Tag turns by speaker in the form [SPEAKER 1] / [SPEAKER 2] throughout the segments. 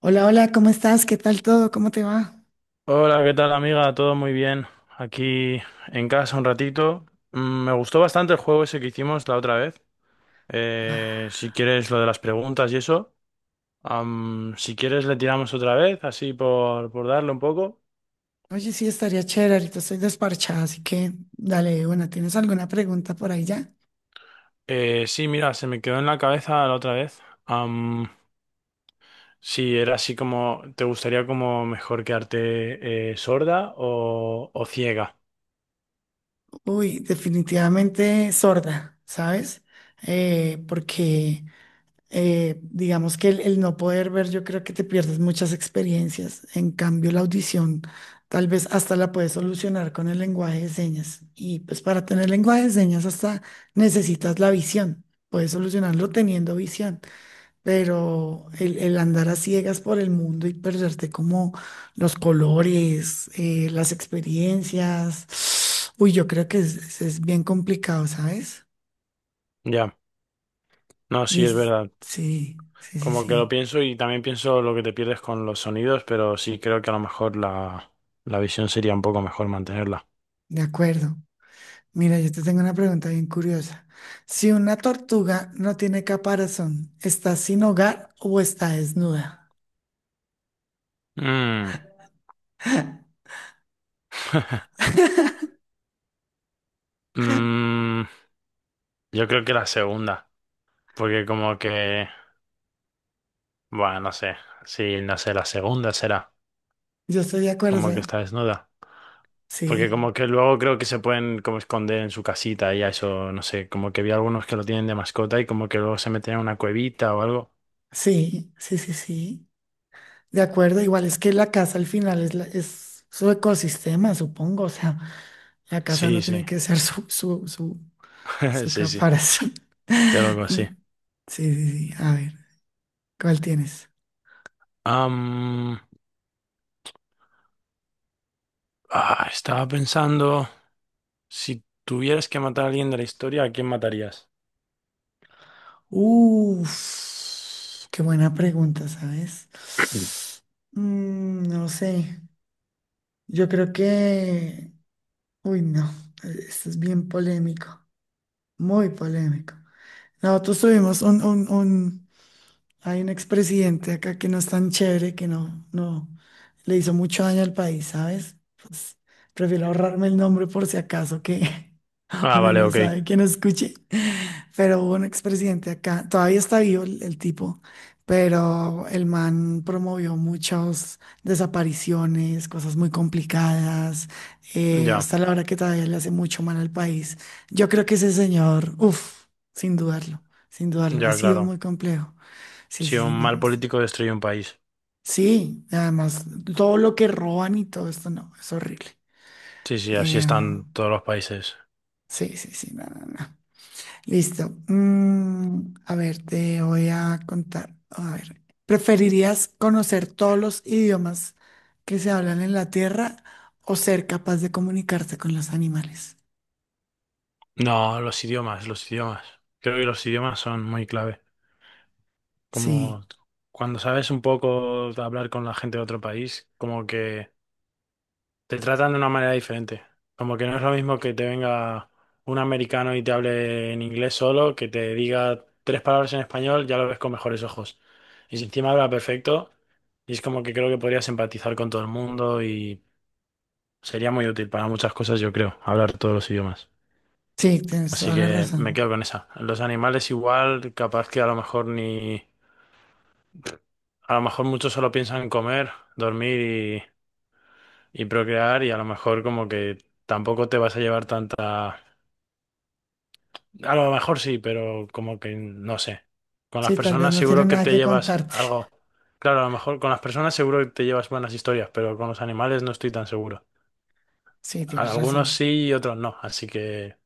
[SPEAKER 1] Hola, hola, ¿cómo estás? ¿Qué tal todo? ¿Cómo te va?
[SPEAKER 2] Hola, ¿qué tal amiga? Todo muy bien. Aquí en casa un ratito. Me gustó bastante el juego ese que hicimos la otra vez. Eh,
[SPEAKER 1] Ah,
[SPEAKER 2] si quieres lo de las preguntas y eso. Si quieres le tiramos otra vez, así por darle un poco.
[SPEAKER 1] oye, sí, estaría chévere, ahorita estoy desparchada, así que dale, bueno, ¿tienes alguna pregunta por ahí ya?
[SPEAKER 2] Sí, mira, se me quedó en la cabeza la otra vez. Si era así como, ¿te gustaría como mejor quedarte sorda o ciega?
[SPEAKER 1] Uy, definitivamente sorda, ¿sabes? Porque digamos que el no poder ver, yo creo que te pierdes muchas experiencias. En cambio, la audición tal vez hasta la puedes solucionar con el lenguaje de señas. Y pues para tener lenguaje de señas hasta necesitas la visión. Puedes solucionarlo teniendo visión. Pero el andar a ciegas por el mundo y perderte como los colores, las experiencias, uy, yo creo que es bien complicado, ¿sabes?
[SPEAKER 2] Ya, no, sí, es
[SPEAKER 1] Dis-
[SPEAKER 2] verdad.
[SPEAKER 1] sí, sí, sí,
[SPEAKER 2] Como que lo
[SPEAKER 1] sí,
[SPEAKER 2] pienso y también pienso lo que te pierdes con los sonidos, pero sí creo que a lo mejor la visión sería un poco mejor mantenerla.
[SPEAKER 1] de acuerdo. Mira, yo te tengo una pregunta bien curiosa. Si una tortuga no tiene caparazón, ¿está sin hogar o está desnuda?
[SPEAKER 2] Mm. Mm, yo creo que la segunda, porque como que, bueno, no sé, sí, no sé, la segunda será,
[SPEAKER 1] Yo estoy de acuerdo,
[SPEAKER 2] como que
[SPEAKER 1] ¿sabes?
[SPEAKER 2] está desnuda, porque
[SPEAKER 1] Sí,
[SPEAKER 2] como que luego creo que se pueden como esconder en su casita y a eso, no sé, como que vi algunos que lo tienen de mascota y como que luego se meten en una cuevita o algo.
[SPEAKER 1] sí, sí, sí, sí. De acuerdo, igual es que la casa al final es, es su ecosistema, supongo. O sea, la casa
[SPEAKER 2] Sí,
[SPEAKER 1] no
[SPEAKER 2] sí,
[SPEAKER 1] tiene que ser su
[SPEAKER 2] sí, sí,
[SPEAKER 1] caparazón.
[SPEAKER 2] creo que sí.
[SPEAKER 1] Sí, sí, sí. A ver, ¿cuál tienes?
[SPEAKER 2] Ah, estaba pensando, si tuvieras que matar a alguien de la historia, ¿a quién matarías?
[SPEAKER 1] Uf, qué buena pregunta, ¿sabes? Mm, no sé. Yo creo que… Uy, no. Esto es bien polémico. Muy polémico. Nosotros tuvimos hay un expresidente acá que no es tan chévere, que no le hizo mucho daño al país, ¿sabes? Pues prefiero ahorrarme el nombre por si acaso que
[SPEAKER 2] Ah,
[SPEAKER 1] uno
[SPEAKER 2] vale,
[SPEAKER 1] no
[SPEAKER 2] ok.
[SPEAKER 1] sabe que no escuche. Pero hubo un expresidente acá, todavía está vivo el tipo, pero el man promovió muchas desapariciones, cosas muy complicadas.
[SPEAKER 2] Ya,
[SPEAKER 1] Hasta la hora que todavía le hace mucho mal al país. Yo creo que ese señor, uff, sin dudarlo, sin dudarlo, ha
[SPEAKER 2] ya,
[SPEAKER 1] sido
[SPEAKER 2] claro.
[SPEAKER 1] muy complejo. Sí,
[SPEAKER 2] Si
[SPEAKER 1] sí,
[SPEAKER 2] un
[SPEAKER 1] sí, no,
[SPEAKER 2] mal
[SPEAKER 1] no sé.
[SPEAKER 2] político destruye un país.
[SPEAKER 1] Sí, además, todo lo que roban y todo esto, no, es horrible.
[SPEAKER 2] Sí, sí, así
[SPEAKER 1] Eh,
[SPEAKER 2] están todos los países.
[SPEAKER 1] sí, sí, sí, no, no, no. Listo. Mm, a ver, te voy a contar. A ver, ¿preferirías conocer todos los idiomas que se hablan en la Tierra o ser capaz de comunicarte con los animales?
[SPEAKER 2] No, los idiomas, los idiomas. Creo que los idiomas son muy clave. Como
[SPEAKER 1] Sí,
[SPEAKER 2] cuando sabes un poco de hablar con la gente de otro país, como que te tratan de una manera diferente. Como que no es lo mismo que te venga un americano y te hable en inglés solo, que te diga tres palabras en español, ya lo ves con mejores ojos. Y si encima habla perfecto, y es como que creo que podrías empatizar con todo el mundo y sería muy útil para muchas cosas, yo creo, hablar todos los idiomas.
[SPEAKER 1] sí, tienes
[SPEAKER 2] Así
[SPEAKER 1] toda la
[SPEAKER 2] que me
[SPEAKER 1] razón.
[SPEAKER 2] quedo con esa. Los animales igual, capaz que a lo mejor ni... A lo mejor muchos solo piensan en comer, dormir y procrear y a lo mejor como que tampoco te vas a llevar tanta. A lo mejor sí, pero como que no sé. Con las
[SPEAKER 1] Sí, tal vez
[SPEAKER 2] personas
[SPEAKER 1] no
[SPEAKER 2] seguro
[SPEAKER 1] tienen
[SPEAKER 2] que
[SPEAKER 1] nada
[SPEAKER 2] te
[SPEAKER 1] que
[SPEAKER 2] llevas
[SPEAKER 1] contarte.
[SPEAKER 2] algo. Claro, a lo mejor con las personas seguro que te llevas buenas historias, pero con los animales no estoy tan seguro.
[SPEAKER 1] Sí, tienes
[SPEAKER 2] Algunos
[SPEAKER 1] razón.
[SPEAKER 2] sí y otros no, así que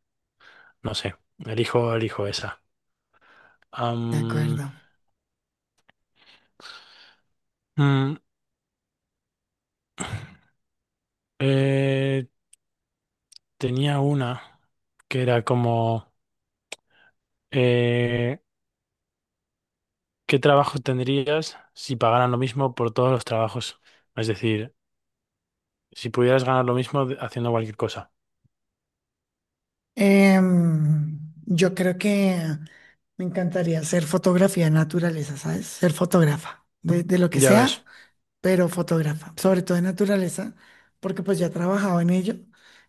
[SPEAKER 2] no sé. Elijo, elijo esa.
[SPEAKER 1] De
[SPEAKER 2] Am,
[SPEAKER 1] acuerdo.
[SPEAKER 2] mm, eh, tenía una que era como eh, ¿qué trabajo tendrías si pagaran lo mismo por todos los trabajos? Es decir, si pudieras ganar lo mismo haciendo cualquier cosa.
[SPEAKER 1] Em, yo creo que me encantaría hacer fotografía de naturaleza, ¿sabes? Ser fotógrafa, de lo que
[SPEAKER 2] Ya
[SPEAKER 1] sea,
[SPEAKER 2] ves.
[SPEAKER 1] pero fotógrafa, sobre todo de naturaleza, porque pues ya he trabajado en ello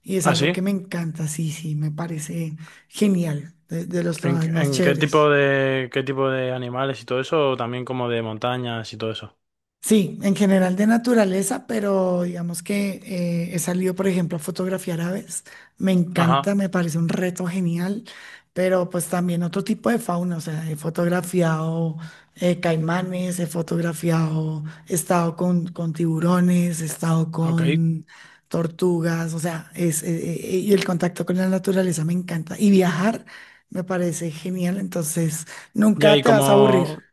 [SPEAKER 1] y es
[SPEAKER 2] ¿Ah,
[SPEAKER 1] algo
[SPEAKER 2] sí?
[SPEAKER 1] que me encanta, sí, sí, me parece genial, de los trabajos más
[SPEAKER 2] En
[SPEAKER 1] chéveres.
[SPEAKER 2] qué tipo de animales y todo eso? O también como de montañas y todo eso.
[SPEAKER 1] Sí, en general de naturaleza, pero digamos que he salido, por ejemplo, a fotografiar aves. Me
[SPEAKER 2] Ajá,
[SPEAKER 1] encanta, me parece un reto genial, pero pues también otro tipo de fauna. O sea, he fotografiado caimanes, he fotografiado, he estado con tiburones, he estado
[SPEAKER 2] ok.
[SPEAKER 1] con tortugas. O sea, es, y el contacto con la naturaleza me encanta. Y viajar me parece genial, entonces
[SPEAKER 2] Ya,
[SPEAKER 1] nunca
[SPEAKER 2] y
[SPEAKER 1] te vas a aburrir.
[SPEAKER 2] como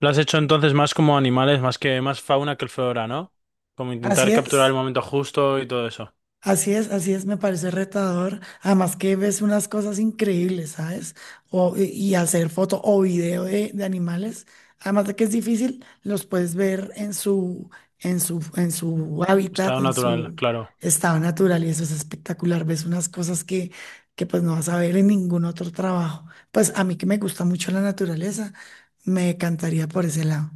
[SPEAKER 2] lo has hecho entonces más como animales, más que más fauna que flora, ¿no? Como
[SPEAKER 1] Así
[SPEAKER 2] intentar capturar el
[SPEAKER 1] es.
[SPEAKER 2] momento justo y todo eso.
[SPEAKER 1] Así es, así es, me parece retador. Además que ves unas cosas increíbles, ¿sabes? O, y hacer foto o video de animales, además de que es difícil, los puedes ver en su, en su hábitat,
[SPEAKER 2] Estado
[SPEAKER 1] en
[SPEAKER 2] natural,
[SPEAKER 1] su
[SPEAKER 2] claro.
[SPEAKER 1] estado natural, y eso es espectacular. Ves unas cosas que pues no vas a ver en ningún otro trabajo. Pues a mí que me gusta mucho la naturaleza, me encantaría por ese lado.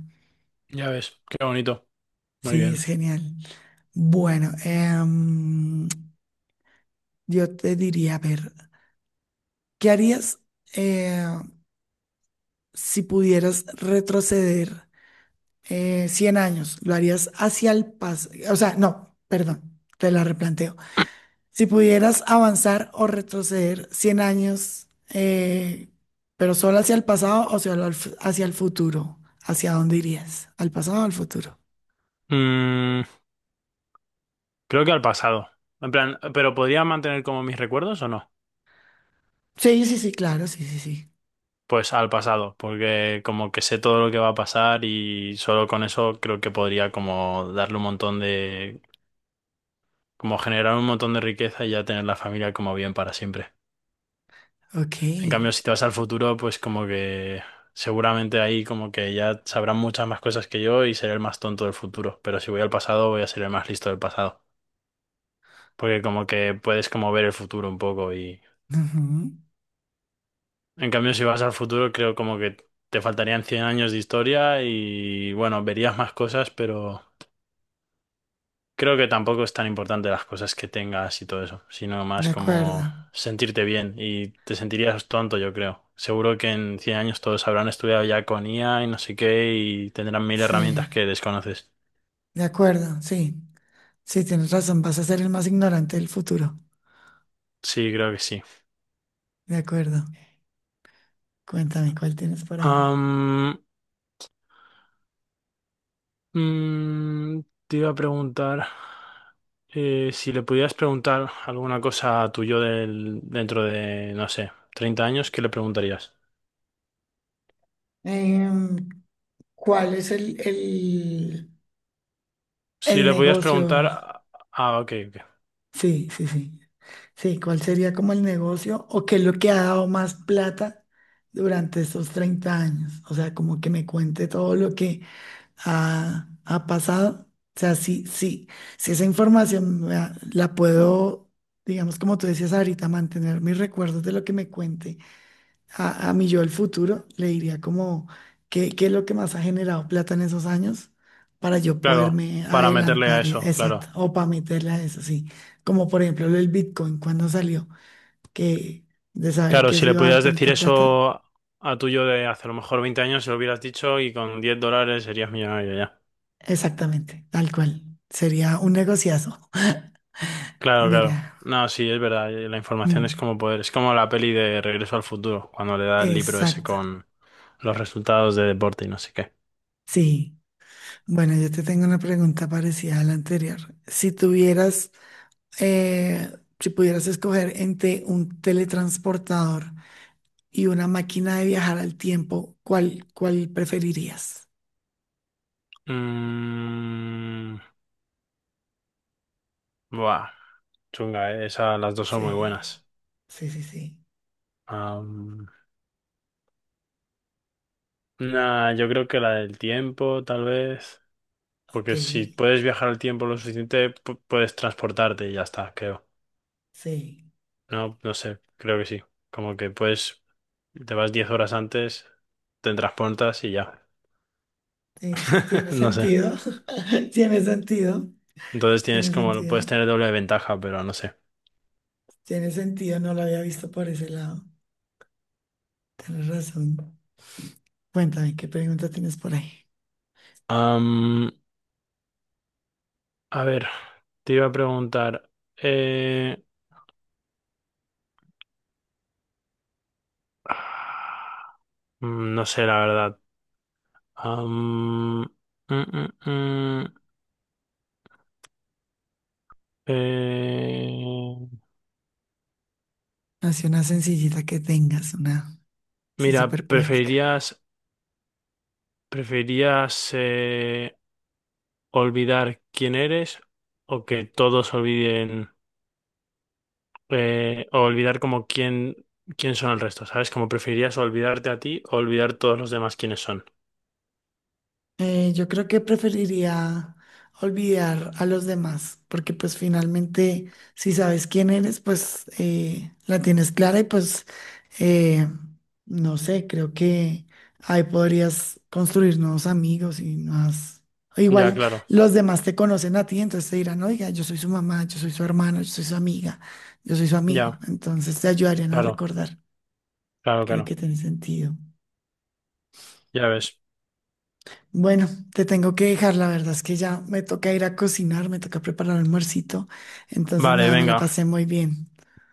[SPEAKER 2] Ya ves, qué bonito. Muy
[SPEAKER 1] Sí,
[SPEAKER 2] bien.
[SPEAKER 1] es genial. Bueno, yo te diría, a ver. ¿Qué harías eh, si pudieras retroceder 100 años? ¿Lo harías hacia el pasado? O sea, no, perdón, te la replanteo. Si pudieras avanzar o retroceder 100 años, pero solo hacia el pasado o solo al hacia el futuro, ¿hacia dónde irías? ¿Al pasado o al futuro?
[SPEAKER 2] Mm, creo que al pasado. En plan, ¿pero podría mantener como mis recuerdos o no?
[SPEAKER 1] Sí, sí, sí, claro, sí, sí, sí.
[SPEAKER 2] Pues al pasado, porque como que sé todo lo que va a pasar y solo con eso creo que podría como darle un montón de, como generar un montón de riqueza y ya tener la familia como bien para siempre.
[SPEAKER 1] Ok.
[SPEAKER 2] En cambio, si te vas al futuro, pues como que seguramente ahí como que ya sabrán muchas más cosas que yo y seré el más tonto del futuro, pero si voy al pasado voy a ser el más listo del pasado, porque como que puedes como ver el futuro un poco y...
[SPEAKER 1] Ujú.
[SPEAKER 2] En cambio, si vas al futuro, creo como que te faltarían 100 años de historia y bueno, verías más cosas, pero... Creo que tampoco es tan importante las cosas que tengas y todo eso, sino
[SPEAKER 1] De
[SPEAKER 2] más como
[SPEAKER 1] acuerdo.
[SPEAKER 2] sentirte bien y te sentirías tonto, yo creo. Seguro que en 100 años todos habrán estudiado ya con IA y no sé qué y tendrán mil
[SPEAKER 1] Sí,
[SPEAKER 2] herramientas que desconoces.
[SPEAKER 1] de acuerdo, sí. Sí, tienes razón, vas a ser el más ignorante del futuro.
[SPEAKER 2] Sí, creo que sí.
[SPEAKER 1] De acuerdo. Cuéntame, ¿cuál tienes por ahí?
[SPEAKER 2] Am, mm, te iba a preguntar si le pudieras preguntar alguna cosa a tu yo dentro de, no sé, 30 años, ¿qué le preguntarías?
[SPEAKER 1] Em, ¿cuál es
[SPEAKER 2] Si
[SPEAKER 1] el
[SPEAKER 2] le pudieras
[SPEAKER 1] negocio?
[SPEAKER 2] preguntar... Ah, ok, ok.
[SPEAKER 1] Sí, sí, sí. Sí, ¿cuál sería como el negocio o qué es lo que ha dado más plata durante estos 30 años? O sea, como que me cuente todo lo que ha pasado. O sea, sí, sí, si esa información me la puedo, digamos, como tú decías ahorita, mantener mis recuerdos de lo que me cuente a mi yo del futuro, le diría como qué es lo que más ha generado plata en esos años para yo
[SPEAKER 2] Claro,
[SPEAKER 1] poderme
[SPEAKER 2] para meterle a
[SPEAKER 1] adelantar,
[SPEAKER 2] eso, claro.
[SPEAKER 1] exacto, o para meterle a eso, sí. Como por ejemplo el Bitcoin cuando salió, que de saber
[SPEAKER 2] Claro,
[SPEAKER 1] que
[SPEAKER 2] si
[SPEAKER 1] se
[SPEAKER 2] le
[SPEAKER 1] iba a dar
[SPEAKER 2] pudieras decir
[SPEAKER 1] tanta plata,
[SPEAKER 2] eso a tuyo de hace a lo mejor 20 años, se lo hubieras dicho y con $10 serías millonario ya.
[SPEAKER 1] exactamente, tal cual. Sería un negociazo.
[SPEAKER 2] Claro, claro.
[SPEAKER 1] Mira,
[SPEAKER 2] No, sí, es verdad. La información es
[SPEAKER 1] mm,
[SPEAKER 2] como poder. Es como la peli de Regreso al Futuro, cuando le da el libro ese
[SPEAKER 1] exacto,
[SPEAKER 2] con los resultados de deporte y no sé qué.
[SPEAKER 1] sí. Bueno, yo te tengo una pregunta parecida a la anterior. Si tuvieras eh, si pudieras escoger entre un teletransportador y una máquina de viajar al tiempo, ¿cuál preferirías?
[SPEAKER 2] Mm, buah, chunga. Esa, las dos son muy
[SPEAKER 1] Sí,
[SPEAKER 2] buenas.
[SPEAKER 1] sí, sí, sí.
[SPEAKER 2] Am, nah, yo creo que la del tiempo, tal vez.
[SPEAKER 1] Ok,
[SPEAKER 2] Porque si puedes viajar al tiempo lo suficiente, puedes transportarte y ya está, creo.
[SPEAKER 1] sí.
[SPEAKER 2] No, no sé, creo que sí. Como que puedes, te vas 10 horas antes, te transportas y ya.
[SPEAKER 1] Sí, sí, tiene
[SPEAKER 2] No sé.
[SPEAKER 1] sentido. Tiene sentido.
[SPEAKER 2] Entonces tienes
[SPEAKER 1] Tiene
[SPEAKER 2] como, lo
[SPEAKER 1] sentido.
[SPEAKER 2] puedes tener doble de ventaja, pero no sé.
[SPEAKER 1] Tiene sentido. No lo había visto por ese lado. Tienes razón. Cuéntame, ¿qué pregunta tienes por ahí?
[SPEAKER 2] Am, a ver, te iba a preguntar. eh, no sé, la verdad. Am, mm, mm, mm, eh,
[SPEAKER 1] Así una sencillita que tengas, una así
[SPEAKER 2] mira,
[SPEAKER 1] súper práctica.
[SPEAKER 2] ¿preferirías ¿Preferías olvidar quién eres o que todos olviden o olvidar como quién son el resto? ¿Sabes? Como preferirías olvidarte a ti o olvidar todos los demás quiénes son.
[SPEAKER 1] Yo creo que preferiría olvidar a los demás, porque pues finalmente si sabes quién eres, pues la tienes clara y pues eh, no sé, creo que ahí podrías construir nuevos amigos y más.
[SPEAKER 2] Ya,
[SPEAKER 1] Igual
[SPEAKER 2] claro.
[SPEAKER 1] los demás te conocen a ti, entonces te dirán, oiga, yo soy su mamá, yo soy su hermano, yo soy su amiga, yo soy su amigo.
[SPEAKER 2] Ya,
[SPEAKER 1] Entonces te ayudarían a
[SPEAKER 2] claro.
[SPEAKER 1] recordar.
[SPEAKER 2] Claro,
[SPEAKER 1] Creo
[SPEAKER 2] claro.
[SPEAKER 1] que tiene sentido.
[SPEAKER 2] Ya ves.
[SPEAKER 1] Bueno, te tengo que dejar, la verdad es que ya me toca ir a cocinar, me toca preparar almuercito. Entonces,
[SPEAKER 2] Vale,
[SPEAKER 1] nada, me la
[SPEAKER 2] venga.
[SPEAKER 1] pasé muy bien.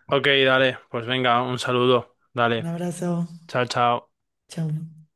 [SPEAKER 2] Ok, dale. Pues venga, un saludo.
[SPEAKER 1] Un
[SPEAKER 2] Dale.
[SPEAKER 1] abrazo,
[SPEAKER 2] Chao, chao.
[SPEAKER 1] chao.